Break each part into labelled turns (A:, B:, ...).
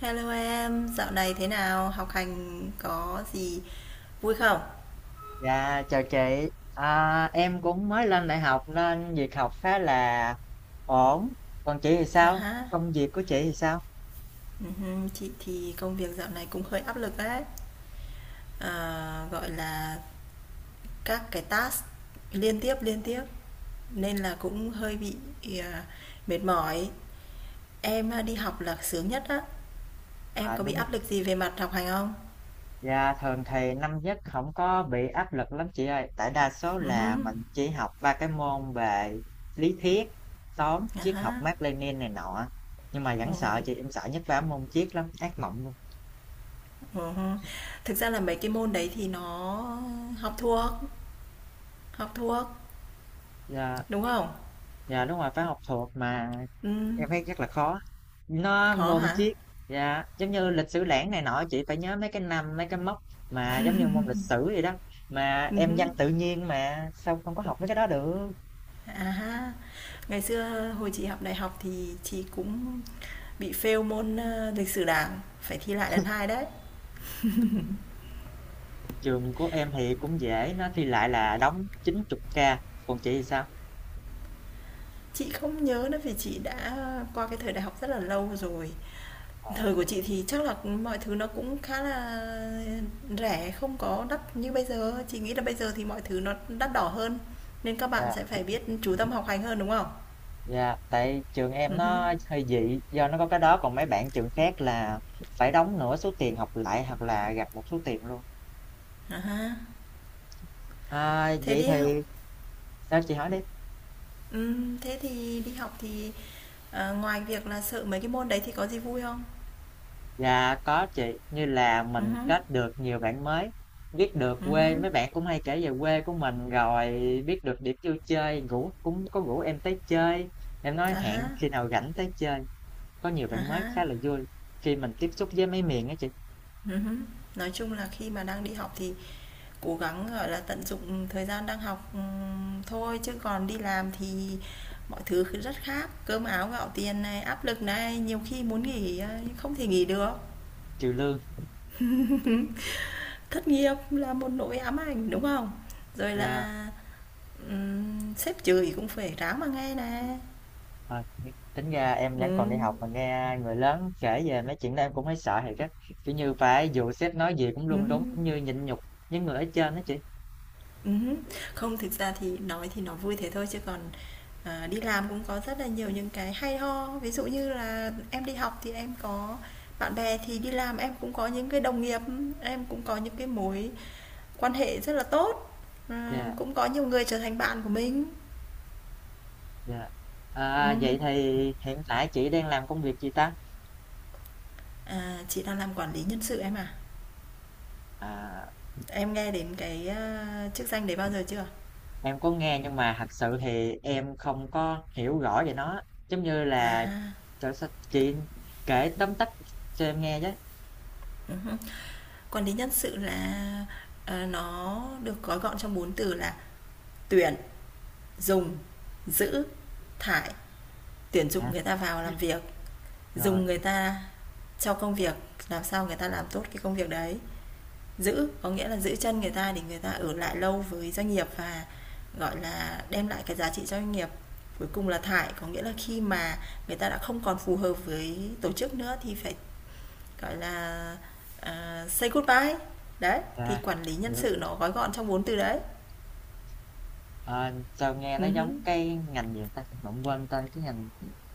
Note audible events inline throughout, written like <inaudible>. A: Hello em, dạo này thế nào? Học hành có gì vui không?
B: Dạ, chào chị. Em cũng mới lên đại học nên việc học khá là ổn. Còn chị thì
A: À
B: sao?
A: ha,
B: Công việc của chị thì sao?
A: chị thì công việc dạo này cũng hơi áp lực đấy. Gọi là các cái task liên tiếp nên là cũng hơi bị à, mệt mỏi. Em à, đi học là sướng nhất á. Em
B: À
A: có bị
B: đúng rồi.
A: áp lực gì về mặt học hành không?
B: Dạ, thường thì năm nhất không có bị áp lực lắm chị ơi. Tại đa số
A: Ừ hứ,
B: là mình chỉ học ba cái môn về lý thuyết, toán,
A: à
B: triết học
A: ha.
B: Mác Lênin này nọ. Nhưng mà
A: Ừ,
B: vẫn sợ chị, em sợ nhất ba môn triết lắm, ác mộng luôn.
A: ừ hứ. Thực ra là mấy cái môn đấy thì nó học thuộc, học thuộc,
B: Dạ,
A: đúng không?
B: dạ đúng rồi, phải học thuộc mà.
A: Ừm,
B: Em thấy chắc là khó. Nó
A: khó
B: môn
A: hả?
B: triết dạ, giống như lịch sử lẻn này nọ chị phải nhớ mấy cái năm, mấy cái mốc mà giống như môn lịch sử vậy đó. Mà em văn
A: Hứm,
B: tự nhiên mà sao không có học mấy cái đó được?
A: à ha. Ngày xưa hồi chị học đại học thì chị cũng bị fail môn, lịch sử Đảng, phải thi lại lần 2 đấy.
B: Trường của em thì cũng dễ, nó thi lại là đóng 90k, còn chị thì sao?
A: Chị không nhớ nữa vì chị đã qua cái thời đại học rất là lâu rồi.
B: Ờ,
A: Thời của chị thì chắc là mọi thứ nó cũng khá là rẻ, không có đắt như bây giờ. Chị nghĩ là bây giờ thì mọi thứ nó đắt đỏ hơn, nên các bạn
B: Dạ,
A: sẽ phải biết chú tâm học hành hơn, đúng không?
B: dạ, tại trường em
A: Hứm,
B: nó hơi dị do nó có cái đó còn mấy bạn trường khác là phải đóng nửa số tiền học lại hoặc là gặp một số tiền luôn.
A: à ha.
B: À,
A: Thế
B: vậy
A: đi học
B: thì sao chị hỏi đi?
A: thế thì đi học thì, ngoài việc là sợ mấy cái môn đấy thì có gì vui không?
B: Dạ có chị, như là mình
A: Hứm,
B: kết được nhiều bạn mới, biết được quê,
A: hứm,
B: mấy bạn cũng hay kể về quê của mình rồi biết được điểm vui chơi, ngủ cũng có rủ em tới chơi. Em nói
A: à
B: hẹn
A: há,
B: khi nào rảnh tới chơi. Có nhiều
A: à
B: bạn mới
A: há,
B: khá là vui khi mình tiếp xúc với mấy miền á chị,
A: hứm. Nói chung là khi mà đang đi học thì cố gắng, gọi là, tận dụng thời gian đang học, thôi, chứ còn đi làm thì mọi thứ rất khác, cơm áo gạo tiền này, áp lực này, nhiều khi muốn nghỉ, nhưng không thể nghỉ được.
B: trừ lương.
A: <laughs> Thất nghiệp là một nỗi ám ảnh, đúng không? Rồi
B: Dạ,
A: là, sếp chửi cũng phải ráng mà nghe nè.
B: ờ, tính ra em vẫn còn đi
A: Ừm,
B: học mà nghe người lớn kể về mấy chuyện đó em cũng thấy sợ thiệt á. Kiểu như phải dù sếp nói gì cũng luôn đúng
A: ừm,
B: cũng như nhịn nhục với người ở trên đó chị.
A: ừm. Không, thực ra thì nói thì nó vui thế thôi chứ còn, đi làm cũng có rất là nhiều những cái hay ho. Ví dụ như là em đi học thì em có bạn bè, thì đi làm em cũng có những cái đồng nghiệp, em cũng có những cái mối quan hệ rất là tốt,
B: Dạ.
A: cũng có nhiều người trở thành bạn của mình.
B: Dạ. À,
A: Ừm.
B: vậy thì hiện tại chị đang làm công việc gì ta?
A: Chị đang làm quản lý nhân sự em à?
B: À,
A: Em nghe đến cái, chức danh đấy bao giờ chưa?
B: em có nghe nhưng mà thật sự thì em không có hiểu rõ về nó. Giống như
A: À
B: là
A: ha.
B: trời sao chị kể tóm tắt cho em nghe chứ.
A: Còn đến nhân sự là, nó được gói gọn trong bốn từ là tuyển, dùng, giữ, thải. Tuyển dụng
B: À,
A: người ta vào làm việc,
B: rồi,
A: dùng người ta cho công việc, làm sao người ta làm tốt cái công việc đấy. Giữ có nghĩa là giữ chân người ta để người ta ở lại lâu với doanh nghiệp và, gọi là, đem lại cái giá trị cho doanh nghiệp. Cuối cùng là thải có nghĩa là khi mà người ta đã không còn phù hợp với tổ chức nữa thì phải gọi là, say goodbye. Đấy, thì
B: à,
A: quản lý nhân
B: hiểu.
A: sự nó gói gọn trong 4 từ đấy.
B: À, sao nghe nó giống
A: Hứm,
B: cái ngành gì ta? Mà quên tên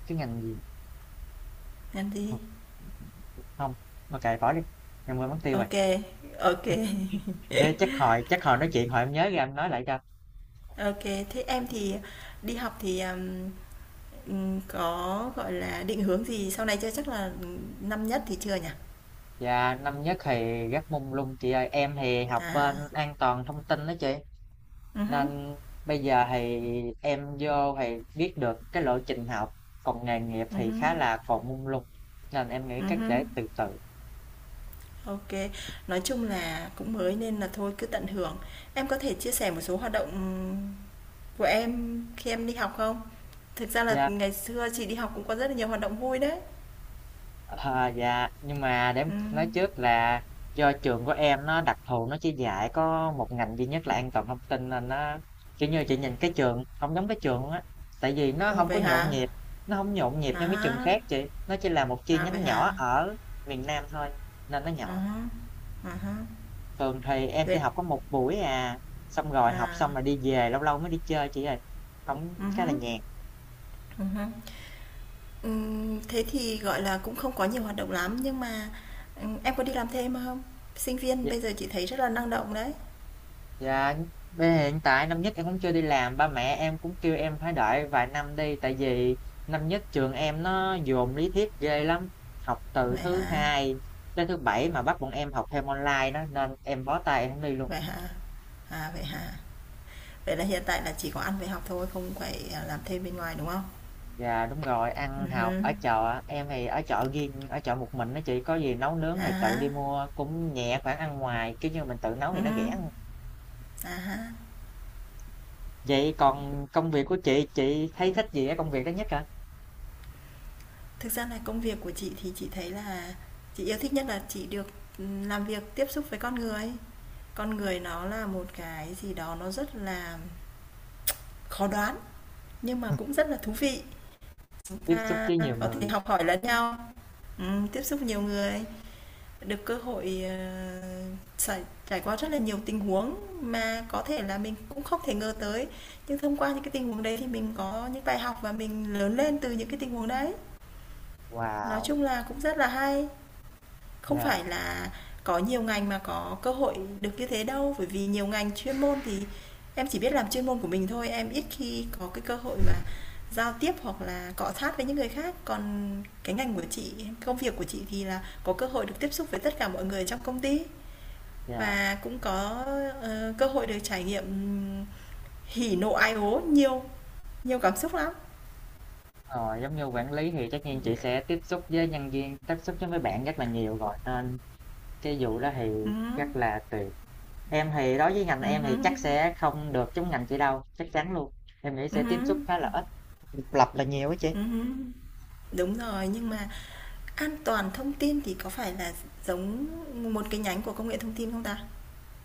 B: cái ngành gì?
A: làm gì?
B: Không, không. Ok bỏ đi. Em quên mất tiêu
A: OK
B: rồi.
A: kê, ô.
B: Thế chắc hồi nói chuyện hồi em nhớ ra em nói lại cho.
A: <laughs> Thế em thì đi học thì, có, gọi là, định hướng gì sau này chưa? Chắc là, năm nhất thì chưa nhỉ?
B: Dạ, năm nhất thì rất mông lung chị ơi. Em thì học bên
A: À,
B: an toàn thông tin đó chị.
A: hứm,
B: Nên bây giờ thì em vô thì biết được cái lộ trình học. Còn nghề nghiệp thì
A: hứm,
B: khá là còn mông lung. Nên em nghĩ cách
A: hứm.
B: để từ từ.
A: Ô. Nói chung là cũng mới nên là thôi cứ tận hưởng. Em có thể chia sẻ một số hoạt động của em khi em đi học không? Thực ra là
B: Dạ.
A: ngày xưa chị đi học cũng có rất là nhiều hoạt động vui đấy.
B: Ờ, dạ, nhưng mà để em nói
A: Ừm.
B: trước là do trường của em nó đặc thù nó chỉ dạy có một ngành duy nhất là an toàn thông tin nên nó kiểu như chị nhìn cái trường không giống cái trường luôn á tại vì nó
A: Ồ,
B: không có
A: vậy
B: nhộn
A: hả?
B: nhịp, như mấy trường
A: À,
B: khác chị, nó chỉ là một chi
A: à vậy
B: nhánh
A: hả?
B: nhỏ ở miền Nam thôi nên nó
A: À
B: nhỏ.
A: há, à há.
B: Thường thì em chỉ
A: Dẹp
B: học có một buổi à, xong rồi học
A: à,
B: xong là đi về, lâu lâu mới đi chơi chị ơi, không khá là
A: hứm.
B: nhàn.
A: ừm Thế thì, gọi là, cũng không có nhiều hoạt động lắm, nhưng mà, em có đi làm thêm không? Sinh viên bây giờ chị thấy rất là năng động đấy.
B: Dạ, hiện tại năm nhất em cũng chưa đi làm, ba mẹ em cũng kêu em phải đợi vài năm đi, tại vì năm nhất trường em nó dồn lý thuyết ghê lắm, học từ
A: Vậy
B: thứ
A: hả?
B: hai tới thứ bảy mà bắt bọn em học thêm online đó, nên em bó tay em không đi luôn.
A: Vậy hả? À, vậy hả? Vậy là hiện tại là chỉ có ăn về học thôi, không phải, làm thêm bên ngoài, đúng không?
B: Dạ đúng rồi, ăn học
A: Ừm,
B: ở chợ, em thì ở chợ riêng, ở chợ một mình đó chị, có gì nấu nướng
A: à
B: thì tự đi
A: há.
B: mua, cũng nhẹ khoản ăn ngoài, kiểu như mình tự nấu
A: Ừ.
B: thì nó rẻ hơn.
A: À ha.
B: Vậy còn công việc của chị thấy thích gì ở công việc đó nhất hả?
A: Thực ra là công việc của chị thì chị thấy là chị yêu thích nhất là chị được làm việc tiếp xúc với con người. Con người nó là một cái gì đó nó rất là khó đoán nhưng mà cũng
B: <laughs>
A: rất là thú vị. Chúng
B: Tiếp xúc
A: ta
B: với nhiều
A: có thể
B: người,
A: học hỏi lẫn nhau, tiếp xúc nhiều người, được cơ hội trải, trải qua rất là nhiều tình huống mà có thể là mình cũng không thể ngờ tới. Nhưng thông qua những cái tình huống đấy thì mình có những bài học và mình lớn lên từ những cái tình huống đấy. Nói
B: wow.
A: chung là cũng rất là hay. Không
B: Dạ.
A: phải là có nhiều ngành mà có cơ hội được như thế đâu, bởi vì nhiều ngành chuyên môn thì em chỉ biết làm chuyên môn của mình thôi, em ít khi có cái cơ hội mà giao tiếp hoặc là cọ sát với những người khác. Còn cái ngành của chị, công việc của chị thì là có cơ hội được tiếp xúc với tất cả mọi người trong công ty
B: Dạ,
A: và cũng có cơ hội được trải nghiệm hỉ nộ ai ố nhiều, nhiều cảm xúc lắm.
B: rồi, giống như quản lý thì chắc
A: Ừ,
B: nhiên chị sẽ tiếp xúc với nhân viên, tiếp xúc với mấy bạn rất là nhiều rồi nên cái vụ đó thì rất là tùy. Em thì đối với ngành
A: ừ,
B: em
A: ừ,
B: thì chắc sẽ không được giống ngành chị đâu, chắc chắn luôn. Em nghĩ
A: ừ,
B: sẽ tiếp xúc khá là ít, độc lập là nhiều á chị.
A: ừ. Đúng rồi, nhưng mà an toàn thông tin thì có phải là giống một cái nhánh của công nghệ thông tin không ta?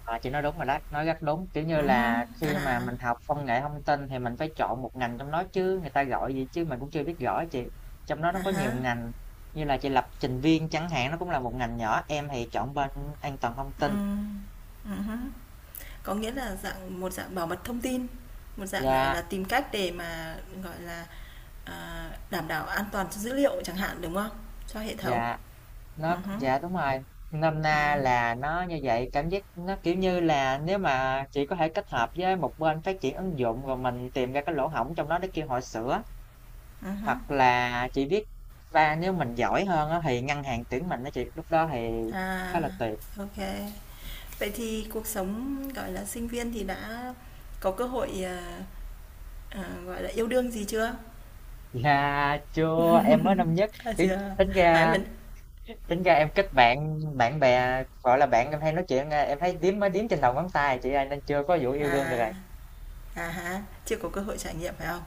B: Ờ, chị nói đúng rồi đó, nói rất đúng. Kiểu như
A: Hưm,
B: là
A: à,
B: khi mà mình học công nghệ thông tin thì mình phải chọn một ngành trong đó chứ người ta gọi gì chứ mình cũng chưa biết rõ á chị. Trong đó nó
A: à
B: có nhiều
A: há,
B: ngành như là chị lập trình viên chẳng hạn nó cũng là một ngành nhỏ. Em thì chọn bên an toàn thông tin.
A: ừm, ừm. Có nghĩa là dạng một dạng bảo mật thông tin, một dạng, gọi
B: Và
A: là, tìm cách để mà, gọi là, đảm bảo an toàn cho dữ liệu chẳng hạn, đúng không? Cho hệ thống.
B: Dạ,
A: Hứm,
B: dạ đúng rồi. Nôm na
A: ừm,
B: là nó như vậy, cảm giác nó, kiểu như là, nếu mà chỉ có thể kết hợp với một bên phát triển ứng dụng, rồi mình tìm ra cái lỗ hổng trong đó để kêu họ sửa,
A: ừm,
B: hoặc là chị biết và nếu mình giỏi hơn á, thì ngân hàng tuyển mình á chị, lúc đó thì khá
A: À,
B: là tuyệt.
A: OK. Vậy thì cuộc sống, gọi là, sinh viên thì đã có cơ hội, gọi là, yêu đương gì chưa?
B: Dạ, chưa, em mới năm nhất,
A: À,
B: tính
A: chưa.
B: tính
A: À,
B: ra
A: mình
B: em kết bạn bạn bè, gọi là, bạn em hay nói chuyện, em thấy đếm mới đếm trên đầu ngón tay chị ơi, nên chưa có vụ yêu đương
A: à,
B: được rồi.
A: à há, chưa có cơ hội trải nghiệm phải không?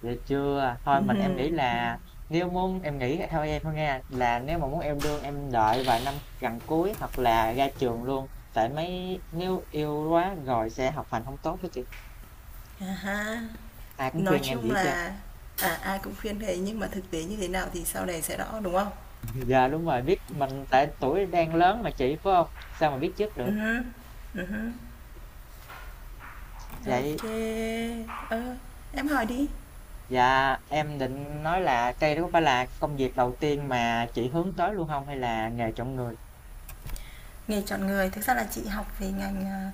B: Vậy chưa?
A: <laughs>
B: Thôi mình em nghĩ
A: Ừm.
B: là nếu muốn em nghĩ theo em thôi nha là nếu mà muốn yêu đương em đợi vài năm gần cuối hoặc là ra trường luôn, tại mấy nếu yêu quá rồi sẽ học hành không tốt đó chị,
A: À há.
B: ai cũng
A: Nói
B: khuyên em
A: chung
B: vậy kia
A: là, ai cũng khuyên thế nhưng mà thực tế như thế nào thì sau này sẽ rõ, đúng không?
B: giờ. <laughs> Đúng rồi biết mình tại tuổi đang lớn mà chị phải không, sao mà biết trước được
A: Hứm, hứm.
B: vậy.
A: Ô. Ờ, em hỏi đi.
B: Dạ, em định nói là đây đó có phải là công việc đầu tiên mà chị hướng tới luôn không hay là nghề chọn người.
A: Nghề chọn người, thực ra là chị học về ngành,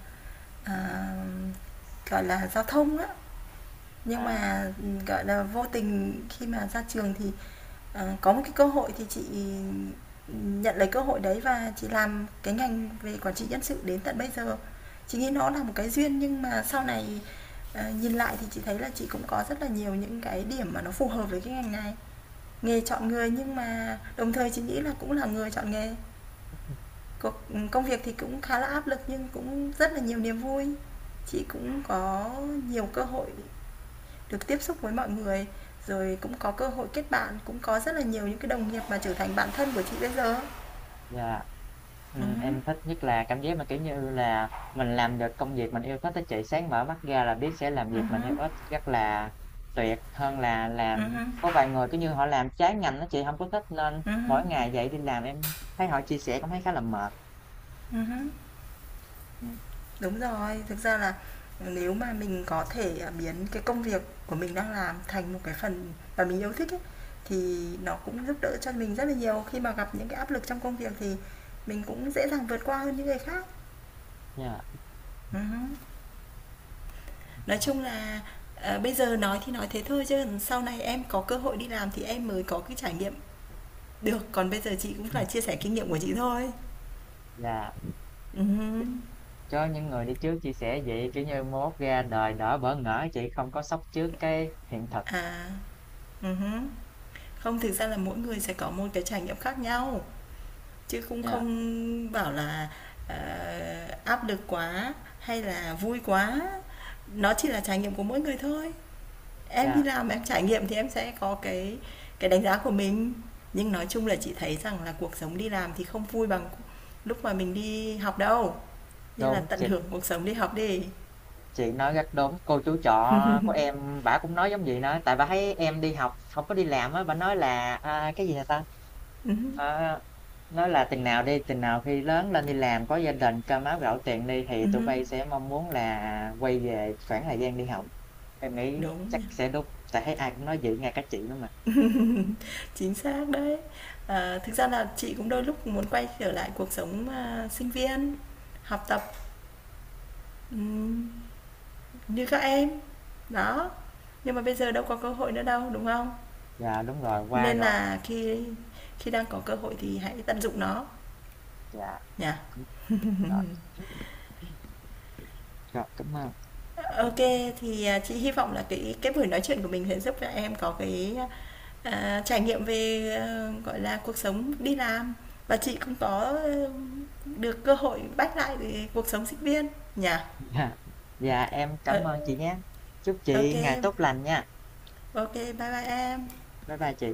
A: à, gọi là, giao thông á. Nhưng
B: À,
A: mà, gọi là, vô tình khi mà ra trường thì, có một cái cơ hội thì chị nhận lấy cơ hội đấy và chị làm cái ngành về quản trị nhân sự đến tận bây giờ. Chị nghĩ nó là một cái duyên nhưng mà sau này, nhìn lại thì chị thấy là chị cũng có rất là nhiều những cái điểm mà nó phù hợp với cái ngành này. Nghề chọn người nhưng mà đồng thời chị nghĩ là cũng là người chọn nghề. Công việc thì cũng khá là áp lực nhưng cũng rất là nhiều niềm vui. Chị cũng có nhiều cơ hội được tiếp xúc với mọi người, rồi cũng có cơ hội kết bạn, cũng có rất là nhiều những cái đồng nghiệp mà trở thành bạn thân của chị bây giờ.
B: dạ,
A: Ừ,
B: ừm, em thích nhất là cảm giác mà, kiểu như là, mình làm được công việc mình yêu thích á chị, sáng mở mắt ra là biết sẽ làm
A: ừ,
B: việc mình yêu thích rất là tuyệt, hơn là
A: ừ,
B: làm có vài người, cứ như, họ làm trái ngành đó chị, không có thích nên
A: ừ,
B: mỗi ngày dậy đi làm em thấy họ chia sẻ cũng thấy khá là mệt.
A: ừ.
B: Ừ.
A: Đúng rồi, thực ra là nếu mà mình có thể biến cái công việc của mình đang làm thành một cái phần mà mình yêu thích ấy, thì nó cũng giúp đỡ cho mình rất là nhiều khi mà gặp những cái áp lực trong công việc thì mình cũng dễ dàng vượt qua hơn những người khác.
B: Dạ. Yeah.
A: Ừ. Nói chung là, bây giờ nói thì nói thế thôi chứ sau này em có cơ hội đi làm thì em mới có cái trải nghiệm được, còn bây giờ chị cũng là
B: Ừm.
A: chia sẻ kinh nghiệm của chị thôi.
B: Dạ,
A: Ừm,
B: cho những người đi trước chia sẻ vậy, kiểu như, mai mốt ra đời đỡ bỡ ngỡ chị, không có sốc trước cái hiện thực.
A: À, ừm. Không, thực ra là mỗi người sẽ có một cái trải nghiệm khác nhau, chứ cũng
B: Dạ,
A: không bảo là, ờ, áp lực quá hay là vui quá, nó chỉ là trải nghiệm của mỗi người thôi. Em đi
B: dạ,
A: làm em trải nghiệm thì em sẽ có cái đánh giá của mình, nhưng nói chung là chị thấy rằng là cuộc sống đi làm thì không vui bằng lúc mà mình đi học đâu. Nên là
B: đúng.
A: tận hưởng cuộc sống đi học đi.
B: Chị nói rất đúng, cô chú trọ của em bả cũng nói giống vậy nữa, tại bà thấy em đi học không có đi làm á, bà nói là, à, cái gì nè ta,
A: Hứm.
B: ờ, nói là "Chừng nào đi, chừng nào khi lớn lên đi làm, có gia đình, cơm áo gạo tiền đi thì tụi bay sẽ mong muốn là quay về khoảng thời gian đi học." Em nghĩ
A: Đúng
B: chắc
A: nha.
B: sẽ đúng, tại thấy ai cũng nói vậy, nghe cả chị nữa mà.
A: <laughs> Chính xác đấy. Thực ra là chị cũng đôi lúc muốn quay trở lại cuộc sống, sinh viên, học tập, ừm, như các em. Đó, nhưng mà bây giờ đâu có cơ hội nữa đâu, đúng không?
B: Dạ, đúng rồi, qua
A: Nên
B: rồi,
A: là khi khi đang có cơ hội thì hãy tận dụng nó
B: dạ,
A: nhỉ.
B: đúng
A: <laughs>
B: rồi. Rồi, cảm ơn,
A: OK, thì, chị hy vọng là cái buổi nói chuyện của mình sẽ giúp cho em có cái, trải nghiệm về, gọi là, cuộc sống đi làm và chị cũng có, được cơ hội bắt lại cuộc sống sinh viên nhỉ.
B: <laughs> dạ, dạ, em
A: Ờ,
B: cảm ơn chị nhé. Chúc chị ngày
A: OK,
B: tốt lành nha.
A: OK, bye bye em.
B: Bye bye chị.